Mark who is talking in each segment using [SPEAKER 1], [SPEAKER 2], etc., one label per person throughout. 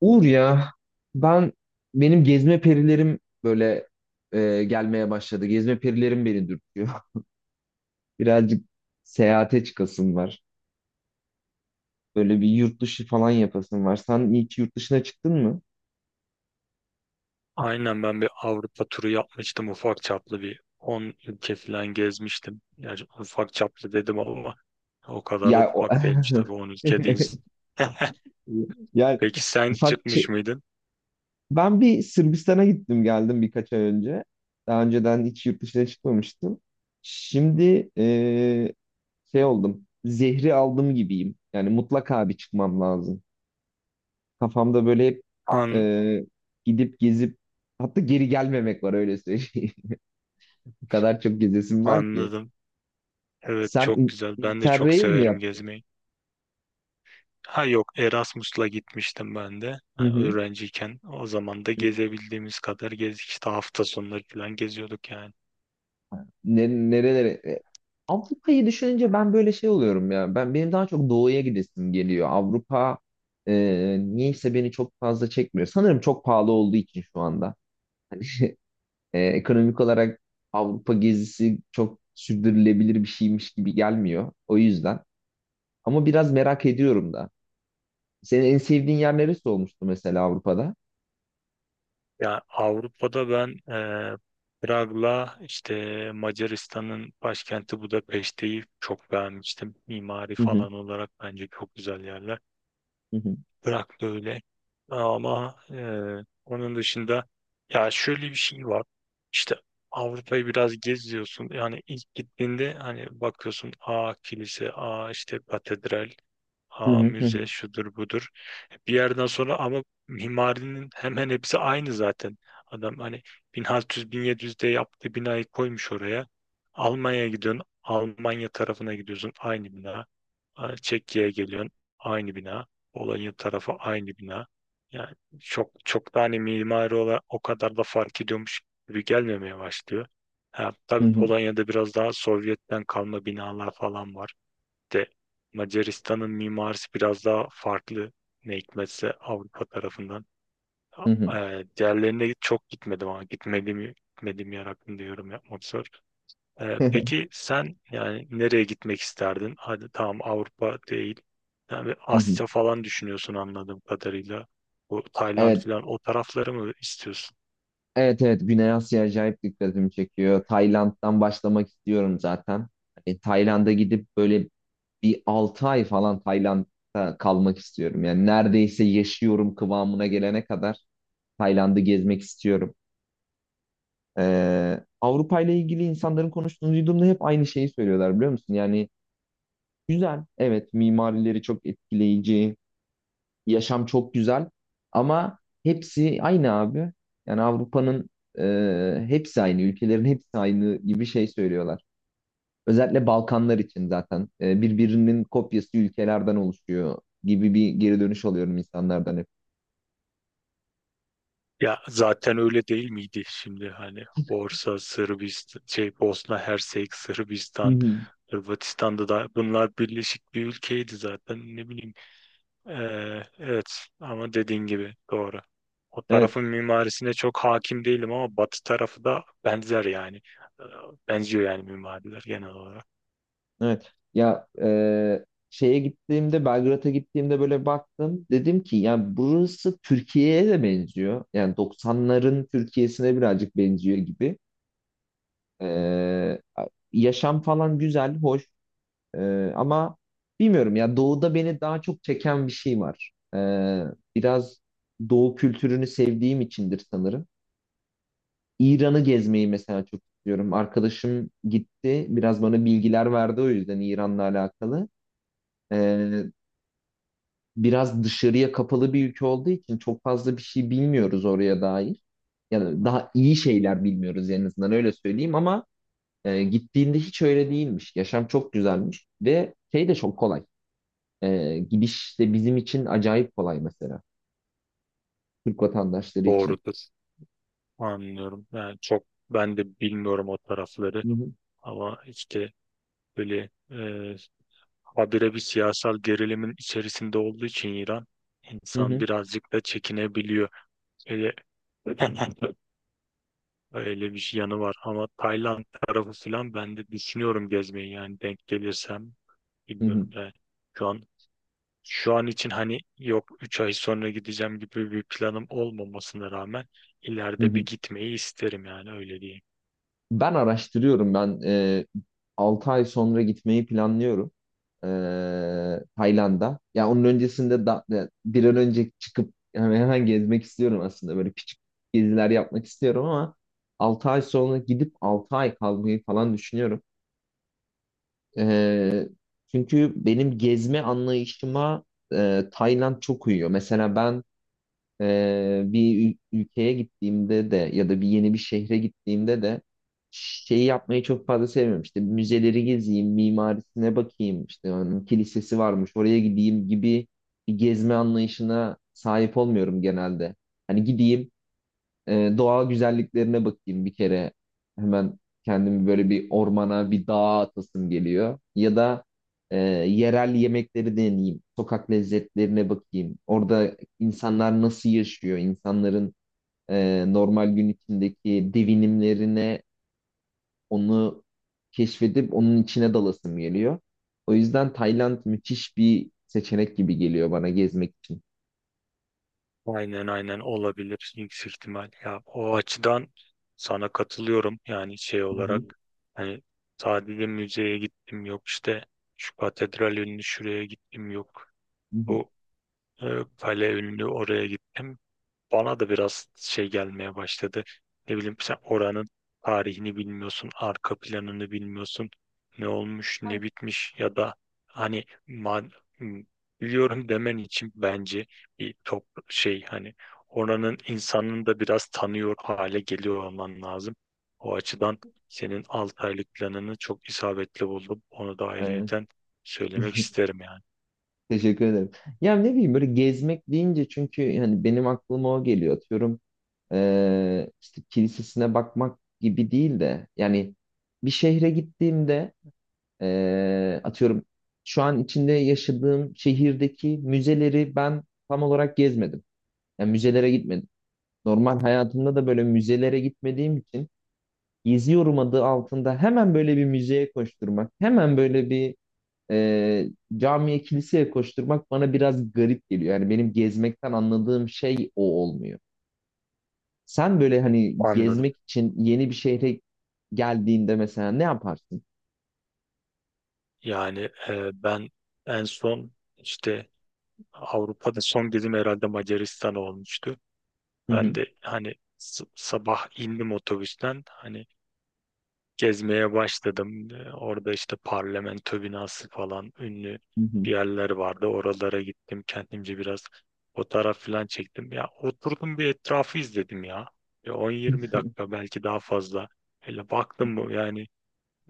[SPEAKER 1] Uğur ya ben benim gezme perilerim böyle gelmeye başladı. Gezme perilerim beni dürtüyor. Birazcık seyahate çıkasım var. Böyle bir yurt dışı falan yapasım var. Sen hiç yurt dışına çıktın mı?
[SPEAKER 2] Aynen ben bir Avrupa turu yapmıştım ufak çaplı bir 10 ülke falan gezmiştim. Yani ufak çaplı dedim ama o kadar da
[SPEAKER 1] Ya o...
[SPEAKER 2] ufak değilmiş tabii 10 ülke değil.
[SPEAKER 1] yani
[SPEAKER 2] Peki sen
[SPEAKER 1] ufak
[SPEAKER 2] çıkmış
[SPEAKER 1] çe-
[SPEAKER 2] mıydın?
[SPEAKER 1] ben bir Sırbistan'a gittim geldim birkaç ay önce. Daha önceden hiç yurt dışına çıkmamıştım. Şimdi şey oldum. Zehri aldım gibiyim. Yani mutlaka bir çıkmam lazım. Kafamda böyle hep
[SPEAKER 2] An
[SPEAKER 1] e, gidip gezip hatta geri gelmemek var, öyle söyleyeyim. Bu kadar çok gezesim var ki.
[SPEAKER 2] anladım. Evet,
[SPEAKER 1] Sen
[SPEAKER 2] çok güzel. Ben de çok
[SPEAKER 1] Interrail mi
[SPEAKER 2] severim
[SPEAKER 1] yaptın?
[SPEAKER 2] gezmeyi. Ha yok, Erasmus'la gitmiştim ben de
[SPEAKER 1] Hı
[SPEAKER 2] ha,
[SPEAKER 1] hı.
[SPEAKER 2] öğrenciyken. O zaman da
[SPEAKER 1] Hı.
[SPEAKER 2] gezebildiğimiz kadar gezdik. İşte hafta sonları falan geziyorduk yani.
[SPEAKER 1] Nerelere? Avrupa'yı düşününce ben böyle şey oluyorum ya. Benim daha çok doğuya gidesim geliyor. Avrupa e, niyeyse beni çok fazla çekmiyor. Sanırım çok pahalı olduğu için şu anda. Ekonomik olarak Avrupa gezisi çok sürdürülebilir bir şeymiş gibi gelmiyor. O yüzden. Ama biraz merak ediyorum da. Senin en sevdiğin yer neresi olmuştu mesela Avrupa'da?
[SPEAKER 2] Ya Avrupa'da ben Prag'la işte Macaristan'ın başkenti Budapeşte'yi çok beğenmiştim. Mimari
[SPEAKER 1] Hı hı,
[SPEAKER 2] falan olarak bence çok güzel yerler.
[SPEAKER 1] hı hı,
[SPEAKER 2] Prag da öyle. Ama onun dışında ya şöyle bir şey var. İşte Avrupa'yı biraz geziyorsun. Yani ilk gittiğinde hani bakıyorsun a kilise, a işte katedral,
[SPEAKER 1] hı
[SPEAKER 2] ha
[SPEAKER 1] hı, hı
[SPEAKER 2] müze
[SPEAKER 1] hı,
[SPEAKER 2] şudur budur. Bir yerden sonra ama mimarinin hemen hepsi aynı zaten. Adam hani 1600-1700'de yaptığı binayı koymuş oraya. Almanya'ya gidiyorsun. Almanya tarafına gidiyorsun. Aynı bina. Ha, Çekya'ya geliyorsun. Aynı bina. Polonya tarafı aynı bina. Yani çok çok da hani mimari olarak o kadar da fark ediyormuş gibi gelmemeye başlıyor. Ha,
[SPEAKER 1] hı
[SPEAKER 2] tabii
[SPEAKER 1] hı,
[SPEAKER 2] Polonya'da biraz daha Sovyet'ten kalma binalar falan var de Macaristan'ın mimarisi biraz daha farklı, ne hikmetse, Avrupa tarafından.
[SPEAKER 1] hı hı,
[SPEAKER 2] Diğerlerine çok gitmedim ama gitmediğim yer hakkında yorum yapmak zor. Peki sen yani nereye gitmek isterdin? Hadi tamam, Avrupa değil. Yani
[SPEAKER 1] hı hı.
[SPEAKER 2] Asya falan düşünüyorsun anladığım kadarıyla. Bu Tayland
[SPEAKER 1] Evet,
[SPEAKER 2] falan, o tarafları mı istiyorsun?
[SPEAKER 1] evet, evet. Güney Asya acayip dikkatimi çekiyor. Tayland'dan başlamak istiyorum zaten. Hani Tayland'a gidip böyle bir 6 ay falan Tayland'da kalmak istiyorum. Yani neredeyse yaşıyorum kıvamına gelene kadar Tayland'ı gezmek istiyorum. Avrupa ile ilgili insanların konuştuğunu duyduğumda hep aynı şeyi söylüyorlar biliyor musun? Yani güzel, evet, mimarileri çok etkileyici, yaşam çok güzel, ama hepsi aynı abi. Yani Avrupa'nın hepsi aynı, ülkelerin hepsi aynı gibi şey söylüyorlar. Özellikle Balkanlar için zaten birbirinin kopyası ülkelerden oluşuyor gibi bir geri dönüş alıyorum insanlardan hep.
[SPEAKER 2] Ya zaten öyle değil miydi şimdi? Hani Borsa, Sırbistan, şey Bosna Hersek,
[SPEAKER 1] Hı
[SPEAKER 2] Sırbistan,
[SPEAKER 1] hı.
[SPEAKER 2] Hırvatistan'da da bunlar birleşik bir ülkeydi zaten, ne bileyim. Evet, ama dediğin gibi doğru. O
[SPEAKER 1] Evet,
[SPEAKER 2] tarafın mimarisine çok hakim değilim ama Batı tarafı da benzer yani. Ee, Benziyor yani mimariler genel olarak.
[SPEAKER 1] evet. Şeye gittiğimde, Belgrad'a gittiğimde böyle baktım. Dedim ki yani burası Türkiye'ye de benziyor. Yani doksanların Türkiye'sine birazcık benziyor gibi. Ee, yaşam falan güzel, hoş. Ama bilmiyorum ya, doğuda beni daha çok çeken bir şey var. Biraz doğu kültürünü sevdiğim içindir sanırım. İran'ı gezmeyi mesela çok istiyorum. Arkadaşım gitti, biraz bana bilgiler verdi, o yüzden İran'la alakalı. Ee, biraz dışarıya kapalı bir ülke olduğu için çok fazla bir şey bilmiyoruz oraya dair. Yani daha iyi şeyler bilmiyoruz en azından, öyle söyleyeyim. Ama gittiğinde hiç öyle değilmiş. Yaşam çok güzelmiş ve şey de çok kolay. Gidiş de bizim için acayip kolay mesela. Türk vatandaşları için.
[SPEAKER 2] Doğrudur. Anlıyorum. Yani çok ben de bilmiyorum o tarafları
[SPEAKER 1] Hı hı,
[SPEAKER 2] ama işte böyle habire bir siyasal gerilimin içerisinde olduğu için İran,
[SPEAKER 1] hı
[SPEAKER 2] insan
[SPEAKER 1] hı,
[SPEAKER 2] birazcık da çekinebiliyor. Öyle, öyle bir şey yanı var ama Tayland tarafı falan ben de düşünüyorum gezmeyi, yani denk gelirsem
[SPEAKER 1] hı hı,
[SPEAKER 2] bilmiyorum da şu an şu an için hani yok 3 ay sonra gideceğim gibi bir planım olmamasına rağmen
[SPEAKER 1] hı
[SPEAKER 2] ileride bir
[SPEAKER 1] hı.
[SPEAKER 2] gitmeyi isterim yani, öyle diyeyim.
[SPEAKER 1] Ben araştırıyorum. Ben 6 ay sonra gitmeyi planlıyorum. E, Tayland'a. Ya onun öncesinde da bir an önce çıkıp yani hemen gezmek istiyorum aslında. Böyle küçük geziler yapmak istiyorum ama 6 ay sonra gidip 6 ay kalmayı falan düşünüyorum. Ee, çünkü benim gezme anlayışıma Tayland çok uyuyor. Mesela ben bir ülkeye gittiğimde de ya da bir yeni bir şehre gittiğimde de şeyi yapmayı çok fazla sevmiyorum. İşte müzeleri gezeyim, mimarisine bakayım, işte onun kilisesi varmış, oraya gideyim gibi bir gezme anlayışına sahip olmuyorum genelde. Hani gideyim, doğal güzelliklerine bakayım bir kere. Hemen kendimi böyle bir ormana, bir dağa atasım geliyor. Ya da yerel yemekleri deneyeyim. Sokak lezzetlerine bakayım. Orada insanlar nasıl yaşıyor? İnsanların normal gün içindeki devinimlerine, onu keşfedip onun içine dalasım geliyor. O yüzden Tayland müthiş bir seçenek gibi geliyor bana gezmek için.
[SPEAKER 2] Aynen, aynen, olabilir yüksek ihtimal. Ya o açıdan sana katılıyorum yani, şey
[SPEAKER 1] Hı hı.
[SPEAKER 2] olarak hani sadece müzeye gittim, yok işte şu katedral ünlü şuraya gittim, yok
[SPEAKER 1] Hı hı.
[SPEAKER 2] bu e, kale ünlü oraya gittim, bana da biraz şey gelmeye başladı. Ne bileyim, sen oranın tarihini bilmiyorsun, arka planını bilmiyorsun. Ne olmuş, ne bitmiş ya da hani m- biliyorum demen için bence bir top şey, hani oranın insanını da biraz tanıyor hale geliyor olman lazım. O açıdan senin 6 aylık planını çok isabetli buldum. Onu da
[SPEAKER 1] Aynen.
[SPEAKER 2] ayrıyeten söylemek isterim yani.
[SPEAKER 1] Teşekkür ederim. Ya ne bileyim, böyle gezmek deyince çünkü yani benim aklıma o geliyor. Atıyorum, işte kilisesine bakmak gibi değil de, yani bir şehre gittiğimde atıyorum şu an içinde yaşadığım şehirdeki müzeleri ben tam olarak gezmedim. Yani müzelere gitmedim. Normal hayatımda da böyle müzelere gitmediğim için geziyorum adı altında hemen böyle bir müzeye koşturmak, hemen böyle bir e, camiye kiliseye koşturmak bana biraz garip geliyor. Yani benim gezmekten anladığım şey o olmuyor. Sen böyle hani
[SPEAKER 2] Anladım.
[SPEAKER 1] gezmek için yeni bir şehre geldiğinde mesela ne yaparsın?
[SPEAKER 2] Yani ben en son işte Avrupa'da son gezim herhalde Macaristan olmuştu.
[SPEAKER 1] Hı hı,
[SPEAKER 2] Ben de hani sabah indim otobüsten, hani gezmeye başladım. Orada işte parlamento binası falan ünlü
[SPEAKER 1] hı hı,
[SPEAKER 2] bir yerler vardı. Oralara gittim, kendimce biraz fotoğraf falan çektim. Ya oturdum bir etrafı izledim ya. Bir 10-20 dakika belki daha fazla. Öyle baktım bu yani.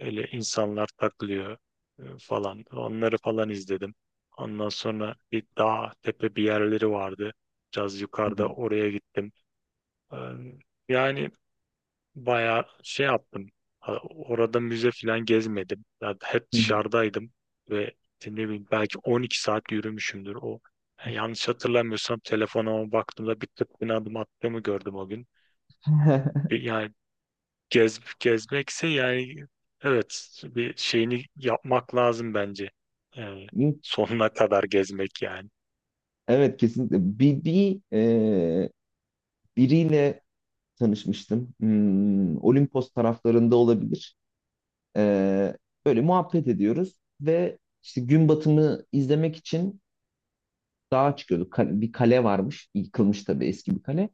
[SPEAKER 2] Öyle insanlar takılıyor falan. Onları falan izledim. Ondan sonra bir dağ tepe bir yerleri vardı. Biraz
[SPEAKER 1] hı
[SPEAKER 2] yukarıda,
[SPEAKER 1] hı,
[SPEAKER 2] oraya gittim. E, Yani bayağı şey yaptım. Ha, orada müze falan gezmedim. Ya hep
[SPEAKER 1] hı
[SPEAKER 2] dışarıdaydım ve işte ne bileyim belki 12 saat yürümüşümdür o. Yani yanlış hatırlamıyorsam telefonuma baktığımda bir 40 bin adım attığımı gördüm o gün.
[SPEAKER 1] hı.
[SPEAKER 2] Yani gezmekse yani, evet, bir şeyini yapmak lazım bence. Yani sonuna kadar gezmek yani.
[SPEAKER 1] Evet, kesinlikle. Biriyle tanışmıştım. Hmm, Olimpos taraflarında olabilir. E, böyle muhabbet ediyoruz ve işte gün batımı izlemek için dağa çıkıyorduk. Bir kale varmış. Yıkılmış tabii, eski bir kale.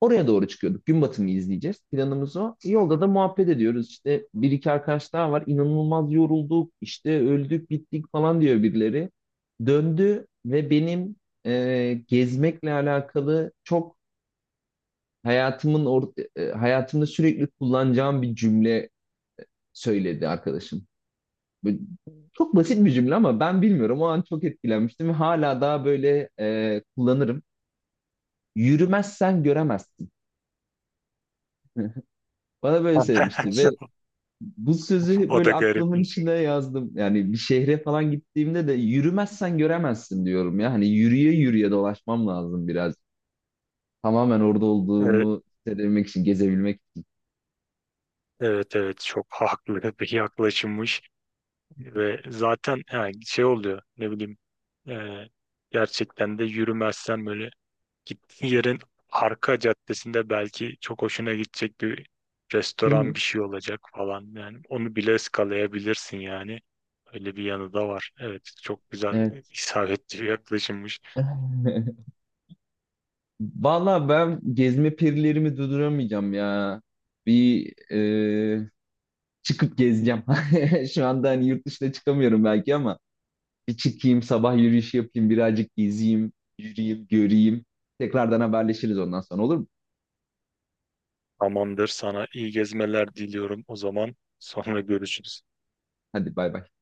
[SPEAKER 1] Oraya doğru çıkıyorduk. Gün batımı izleyeceğiz. Planımız o. Yolda da muhabbet ediyoruz. İşte bir iki arkadaş daha var. İnanılmaz yorulduk. İşte öldük bittik falan diyor birileri. Döndü ve benim gezmekle alakalı çok hayatımda sürekli kullanacağım bir cümle söyledi arkadaşım. Böyle çok basit bir cümle ama ben bilmiyorum. O an çok etkilenmiştim ve hala daha böyle kullanırım. Yürümezsen göremezsin. Bana böyle söylemişti ve bu sözü
[SPEAKER 2] O
[SPEAKER 1] böyle
[SPEAKER 2] da
[SPEAKER 1] aklımın
[SPEAKER 2] garipmiş.
[SPEAKER 1] içine yazdım. Yani bir şehre falan gittiğimde de yürümezsen göremezsin diyorum ya. Hani yürüye yürüye dolaşmam lazım biraz. Tamamen orada
[SPEAKER 2] Evet,
[SPEAKER 1] olduğumu hissedebilmek için, gezebilmek için.
[SPEAKER 2] evet, evet, çok haklı bir yaklaşımmış ve zaten yani şey oluyor, ne bileyim, e, gerçekten de yürümezsen böyle gittiğin yerin arka caddesinde belki çok hoşuna gidecek bir
[SPEAKER 1] Hı hı,
[SPEAKER 2] restoran bir şey olacak falan. Yani onu bile eskalayabilirsin yani. Öyle bir yanı da var. Evet, çok güzel,
[SPEAKER 1] evet.
[SPEAKER 2] isabetli bir yaklaşımmış.
[SPEAKER 1] Valla ben gezme perilerimi durduramayacağım ya. Bir e, çıkıp gezeceğim. Şu anda hani yurt dışına çıkamıyorum belki ama bir çıkayım, sabah yürüyüş yapayım, birazcık gezeyim, yürüyeyim, göreyim. Tekrardan haberleşiriz ondan sonra, olur mu?
[SPEAKER 2] Tamamdır, sana iyi gezmeler diliyorum o zaman. Sonra görüşürüz.
[SPEAKER 1] Hadi bay bay.